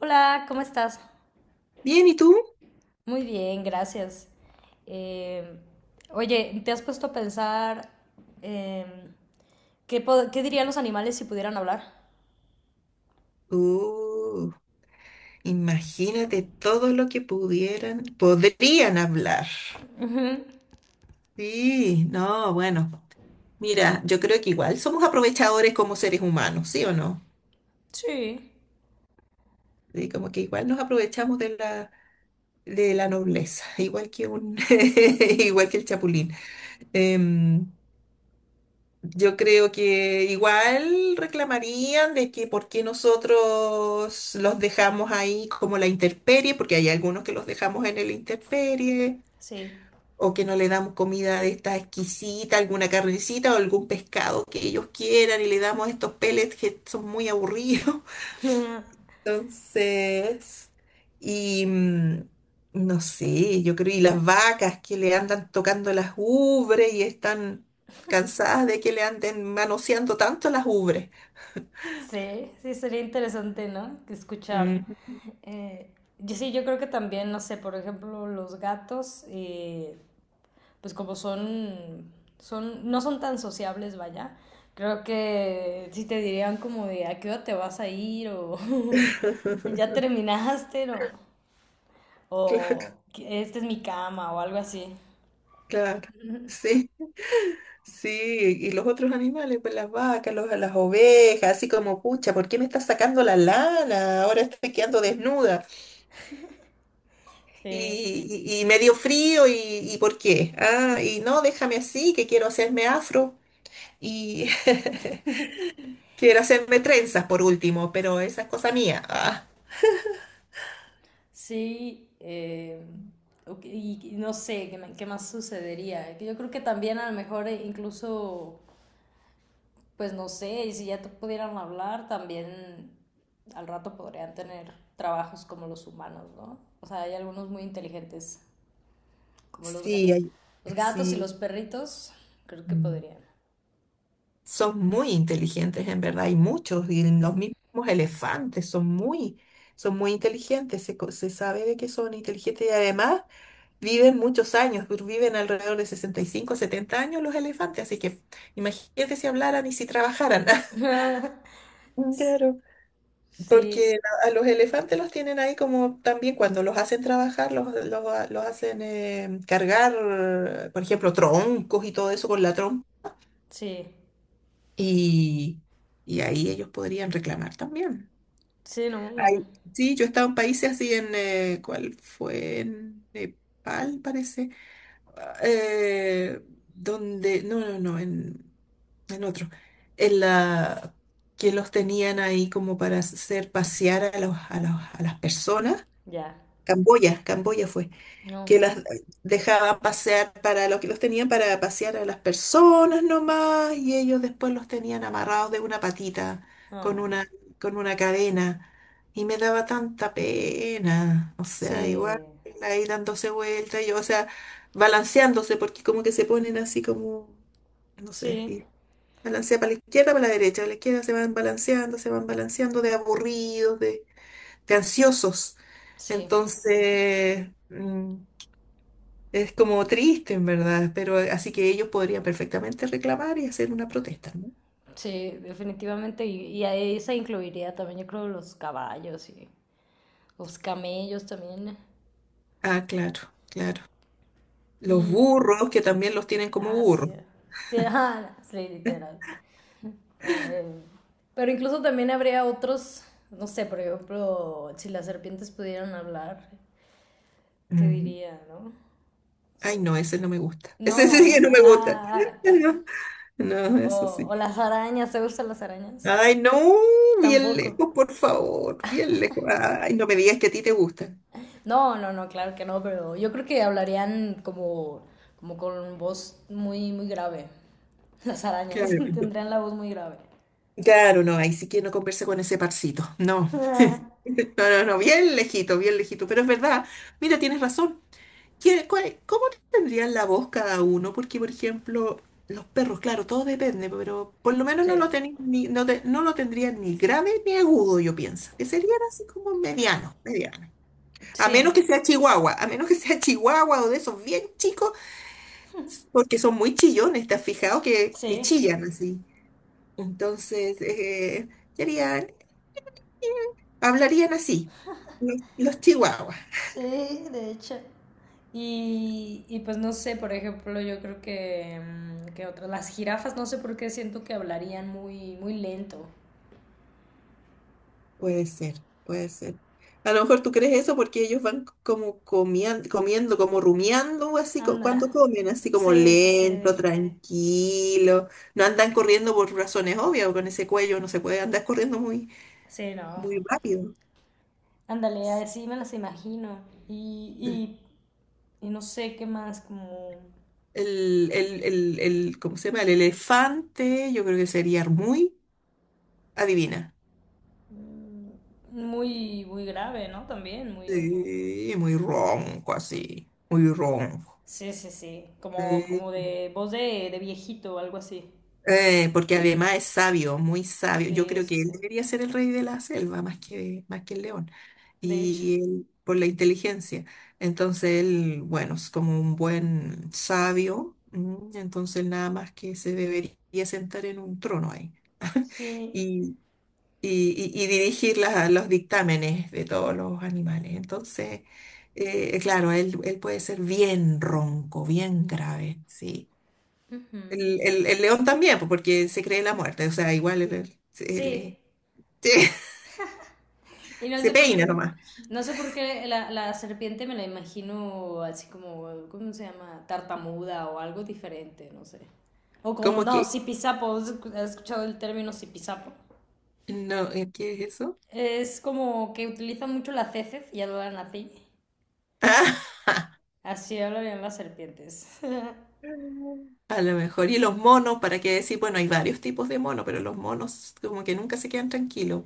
Hola, ¿cómo estás? Bien, ¿y tú? Muy bien, gracias. Eh, oye, ¿te has puesto a pensar em, qué dirían los animales si pudieran hablar? Uh, imagínate todo lo que podrían hablar. Sí, no, bueno. Mira, yo creo que igual somos aprovechadores como seres humanos, ¿sí o no? Sí. Sí, como que igual nos aprovechamos de la nobleza, igual que igual que el chapulín. Em, Yo creo que igual reclamarían de que por qué nosotros los dejamos ahí como la intemperie, porque hay algunos que los dejamos en el intemperie, Sí. o que no le damos comida de esta exquisita, alguna carnecita o algún pescado que ellos quieran y le damos estos pellets que son muy aburridos. Entonces, y mm, no sé, yo creo, y las vacas que le andan tocando las ubres y están cansadas de que le anden manoseando tanto las ubres. Sí, sí, sería interesante, ¿no? Que Escuchar. Mm, Eh, yo sí, yo creo que también, no sé, por ejemplo, los gatos, pues como son, no son tan sociables, vaya, creo que sí te dirían como de a qué hora te vas a ir o ya terminaste o claro, esta es mi cama o algo así. claro. Sí, sí, y los otros animales, pues las vacas, las ovejas, así como, pucha, ¿por qué me estás sacando la lana? Ahora estoy quedando desnuda y, Sí, y me dio frío y ¿por qué? Ah, y no, déjame así, que quiero hacerme afro. Y quiero hacerme trenzas por último, pero esa es cosa mía. Ah, sí, ok, y no sé qué más sucedería. Que Yo creo que también a lo mejor incluso pues no sé, y si ya te pudieran hablar, también al rato podrían tener trabajos como los humanos, ¿no? O sea, hay algunos muy inteligentes, como sí, los gatos y sí. los perritos, creo que Mm. podrían. Son muy inteligentes, en verdad, hay muchos, y los mismos elefantes son son muy inteligentes, se sabe de que son inteligentes y además viven muchos años, viven alrededor de 65, 70 años los elefantes, así que imagínate si hablaran y si trabajaran. Claro. Sí, Porque a los elefantes los tienen ahí como también cuando los hacen trabajar, los hacen cargar, por ejemplo, troncos y todo eso con la trompa. sí, Y, y ahí ellos podrían reclamar también. sí, no, Ay, no. sí, yo he estado en países así en, ¿cuál fue? En Nepal, parece. Ah, donde, no, en otro. En la, que los tenían ahí como para hacer pasear a los, a las personas. Ya, Camboya, Camboya fue, no. que las dejaban pasear para los que los tenían para pasear a las personas nomás y ellos después los tenían amarrados de una patita con Ah, una, con una cadena y me daba tanta pena, o sí, sea, igual ahí dándose vuelta, yo, o sea, balanceándose porque como que se ponen así como, no sé, sí, y balancea para la izquierda, para la derecha, a la izquierda se van balanceando de aburridos, de ansiosos. sí, Entonces, mm, es como triste, en verdad, pero así que ellos podrían perfectamente reclamar y hacer una protesta, ¿no? sí, definitivamente. Y a esa incluiría también, yo creo, los caballos y los camellos también. Ah, claro, claro. Los Y, burros, que también los tienen como ah, burros. sí. Sí, ah, sí, literal. Eh, pero incluso también habría otros, no sé, por ejemplo, si las serpientes pudieran hablar, ¿qué Mm. diría, no? Sí. Ay, no, ese no me gusta. Ese No, sí no. que no me gusta. No, no, eso sí. o las arañas, ¿te gustan las arañas? Ay, no, bien Tampoco. lejos, por favor, bien lejos. Ay, no me digas que a ti te gusta. No, no, no, claro que no, pero yo creo que hablarían como, como con voz muy, muy grave. Las arañas Claro. tendrían la voz muy grave. Claro, no, ahí sí que no conversa con ese parcito, no. No, no, no, bien lejito, pero es verdad, mira, tienes razón. ¿Qué- cuál- cómo tendrían la voz cada uno? Porque, por ejemplo, los perros, claro, todo depende, pero por lo menos Sí. no lo, tenéis ni, no, no lo tendrían ni grave ni agudo, yo pienso, que serían así como medianos, medianos. A Sí. menos que sea chihuahua, a menos que sea chihuahua o de esos bien chicos, porque son muy chillones, ¿te has fijado que Sí. chillan así? Entonces, sería. Hablarían así, los chihuahuas. Sí, de hecho. Y pues no sé, por ejemplo, yo creo que, que otras, las jirafas, no sé por qué siento que hablarían muy, muy lento. Puede ser, puede ser. A lo mejor tú crees eso porque ellos van como comiendo, como rumiando, Anda. cuando comen, así como Sí, sí, lento, sí. tranquilo. No andan corriendo por razones obvias, con ese cuello no se puede andar corriendo muy, Sí, no. muy rápido. Ándale, así me las imagino. Y, y no sé qué más, como ¿Cómo se llama? El elefante, yo creo que sería muy, adivina. muy, muy grave, ¿no? También, muy... Sí, muy ronco así, muy ronco. Sí, sí, sí. Como, como Sí. de voz de viejito o algo así. Porque además es sabio, muy sabio. Yo Sí, creo sí, que él sí. debería ser el rey de la selva más más que el león. De hecho. Y él, por la inteligencia. Entonces él, bueno, es como un buen sabio. Entonces nada más que se debería sentar en un trono ahí. Sí. Y, y dirigir los dictámenes de todos los animales. Entonces, claro, él puede ser bien ronco, bien grave, sí. Ujú, y- El león también, pues, porque se cree la muerte, o sea, igual sí, se- y no se sé por peina qué, nomás. no sé por qué la, la serpiente me la imagino así como, ¿cómo se llama? Tartamuda o algo diferente, no sé. O como, ¿Cómo no, que? sipisapo, ¿has escuchado el término sipisapo? No, ¿qué es eso? Es como que utilizan mucho las heces y hablan así. Así hablan las serpientes. A lo mejor. Y los monos, ¿para qué decir? Bueno, hay varios tipos de monos, pero los monos como que nunca se quedan tranquilos.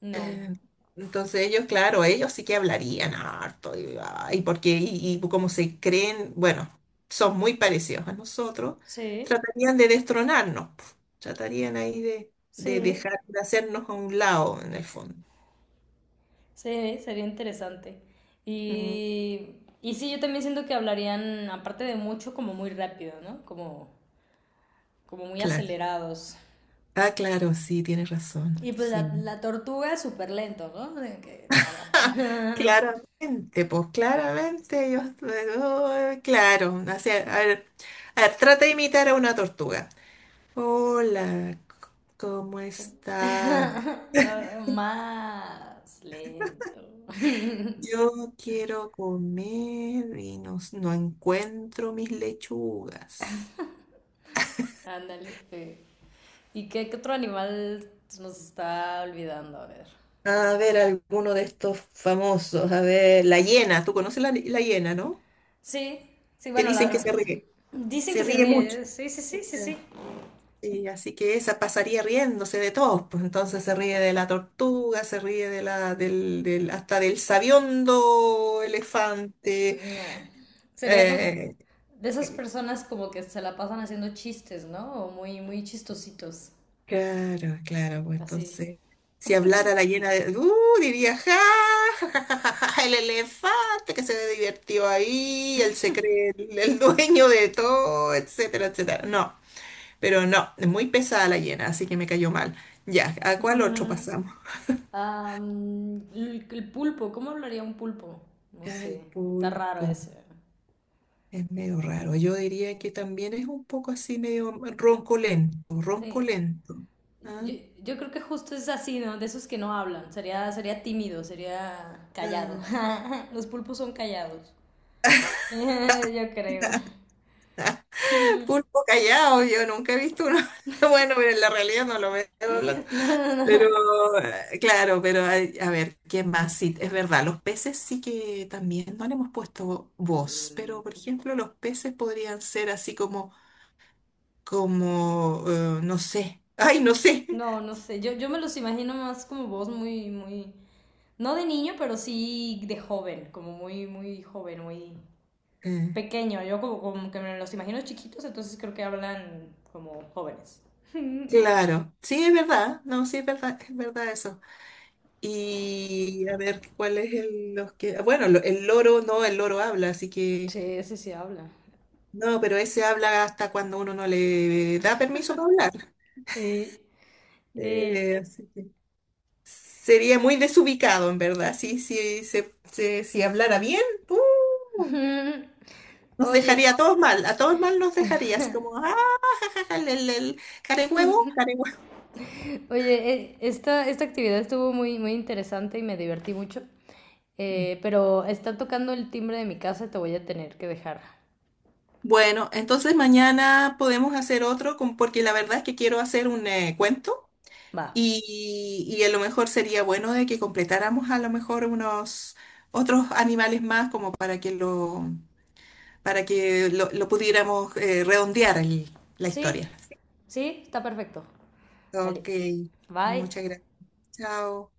No. Eh, Entonces ellos, claro, ellos sí que hablarían harto y, ay, porque y como se creen, bueno, son muy parecidos a nosotros, Sí, tratarían de destronarnos, pf, tratarían ahí de sí. dejar de hacernos a un lado en el fondo. Sí, sería interesante. Mm, Y, y sí, yo también siento que hablarían, aparte de mucho, como muy rápido, ¿no? Como, como muy claro. acelerados. Ah, claro, sí, tienes razón, Y pues la, sí. la tortuga es súper lento, ¿no? De Que tarda. Claramente, pues claramente ellos, oh, claro, o sea, a ver, trata de imitar a una tortuga. Hola, ¿cómo Como- está? Más lento. Yo quiero comer y no, no encuentro mis lechugas. Ándale. Sí. ¿Y qué, qué otro animal se nos está olvidando? A ver. A ver, Mm, alguno de estos famosos. A ver, la hiena, tú conoces la, la hiena, ¿no? sí, sí, Te bueno, dicen que la... dicen se que se ríe mucho. ríe. ¿Eh? Sí, sí, sí, sí, sí. Sí, así que esa pasaría riéndose de todos, pues entonces se ríe de la tortuga, se ríe de la, hasta del sabiondo elefante. Mm, nah. Sería como eh, de esas personas como que se la pasan haciendo chistes, ¿no? O muy, muy chistositos. Claro, claro, pues Así. entonces, si hablara la llena de, diría, ja, ja, ja, ja, ja, ja, el elefante que se divirtió ahí, él se cree el dueño de todo, etcétera, etcétera. No, pero no, es muy pesada la llena, así que me cayó mal. Ya, ¿a cuál otro pasamos? Ah, mm, el pulpo, ¿cómo hablaría un pulpo? No Ya, sé. el Está raro pulpo, ese. es medio raro. Yo diría que también es un poco así, medio roncolento, Sí. roncolento. Ah, Yo, yo creo que justo es así, ¿no? De esos que no hablan. Sería, sería tímido, sería callado. ¿ah? Los pulpos son callados. Yo creo. Mm, Pulpo callado, yo nunca he visto uno. Bueno, pero en la realidad no lo veo hablando. no, no, Pero no. Claro, pero hay- a ver, ¿quién más? Sí, es verdad, los peces sí que también no le hemos puesto voz, pero por ejemplo, los peces podrían ser así como, como, no sé, ay, no sé. No, no sé. Yo me los imagino más como voz muy, muy. No de niño, pero sí de joven, como muy, muy joven, muy Eh, pequeño. Yo como, como que me los imagino chiquitos, entonces creo que hablan como jóvenes. claro, sí, es verdad, no, sí, es verdad eso. Y a ver, ¿cuál es el, los que, bueno, el loro, no, el loro habla, así que. Sí, ese sí habla. No, pero ese habla hasta cuando uno no le da permiso para hablar. Sí. Eh, Así que sería muy desubicado, en verdad. Sí, sí, si hablara bien, ¡uh! Nos oye, dejaría a todos mal nos dejaría, así como, ah, jajaja, el care huevo, care huevo". Esta, esta actividad estuvo muy, muy interesante y me divertí mucho. Pero está tocando el timbre de mi casa y te voy a tener que dejar. Bueno, entonces mañana podemos hacer otro, con- porque la verdad es que quiero hacer un cuento Va. Y a lo mejor sería bueno de que completáramos a lo mejor unos otros animales más como para que lo lo pudiéramos redondear la Sí, historia. sí, está perfecto. Dale. Ok, Bye. muchas gracias. Chao.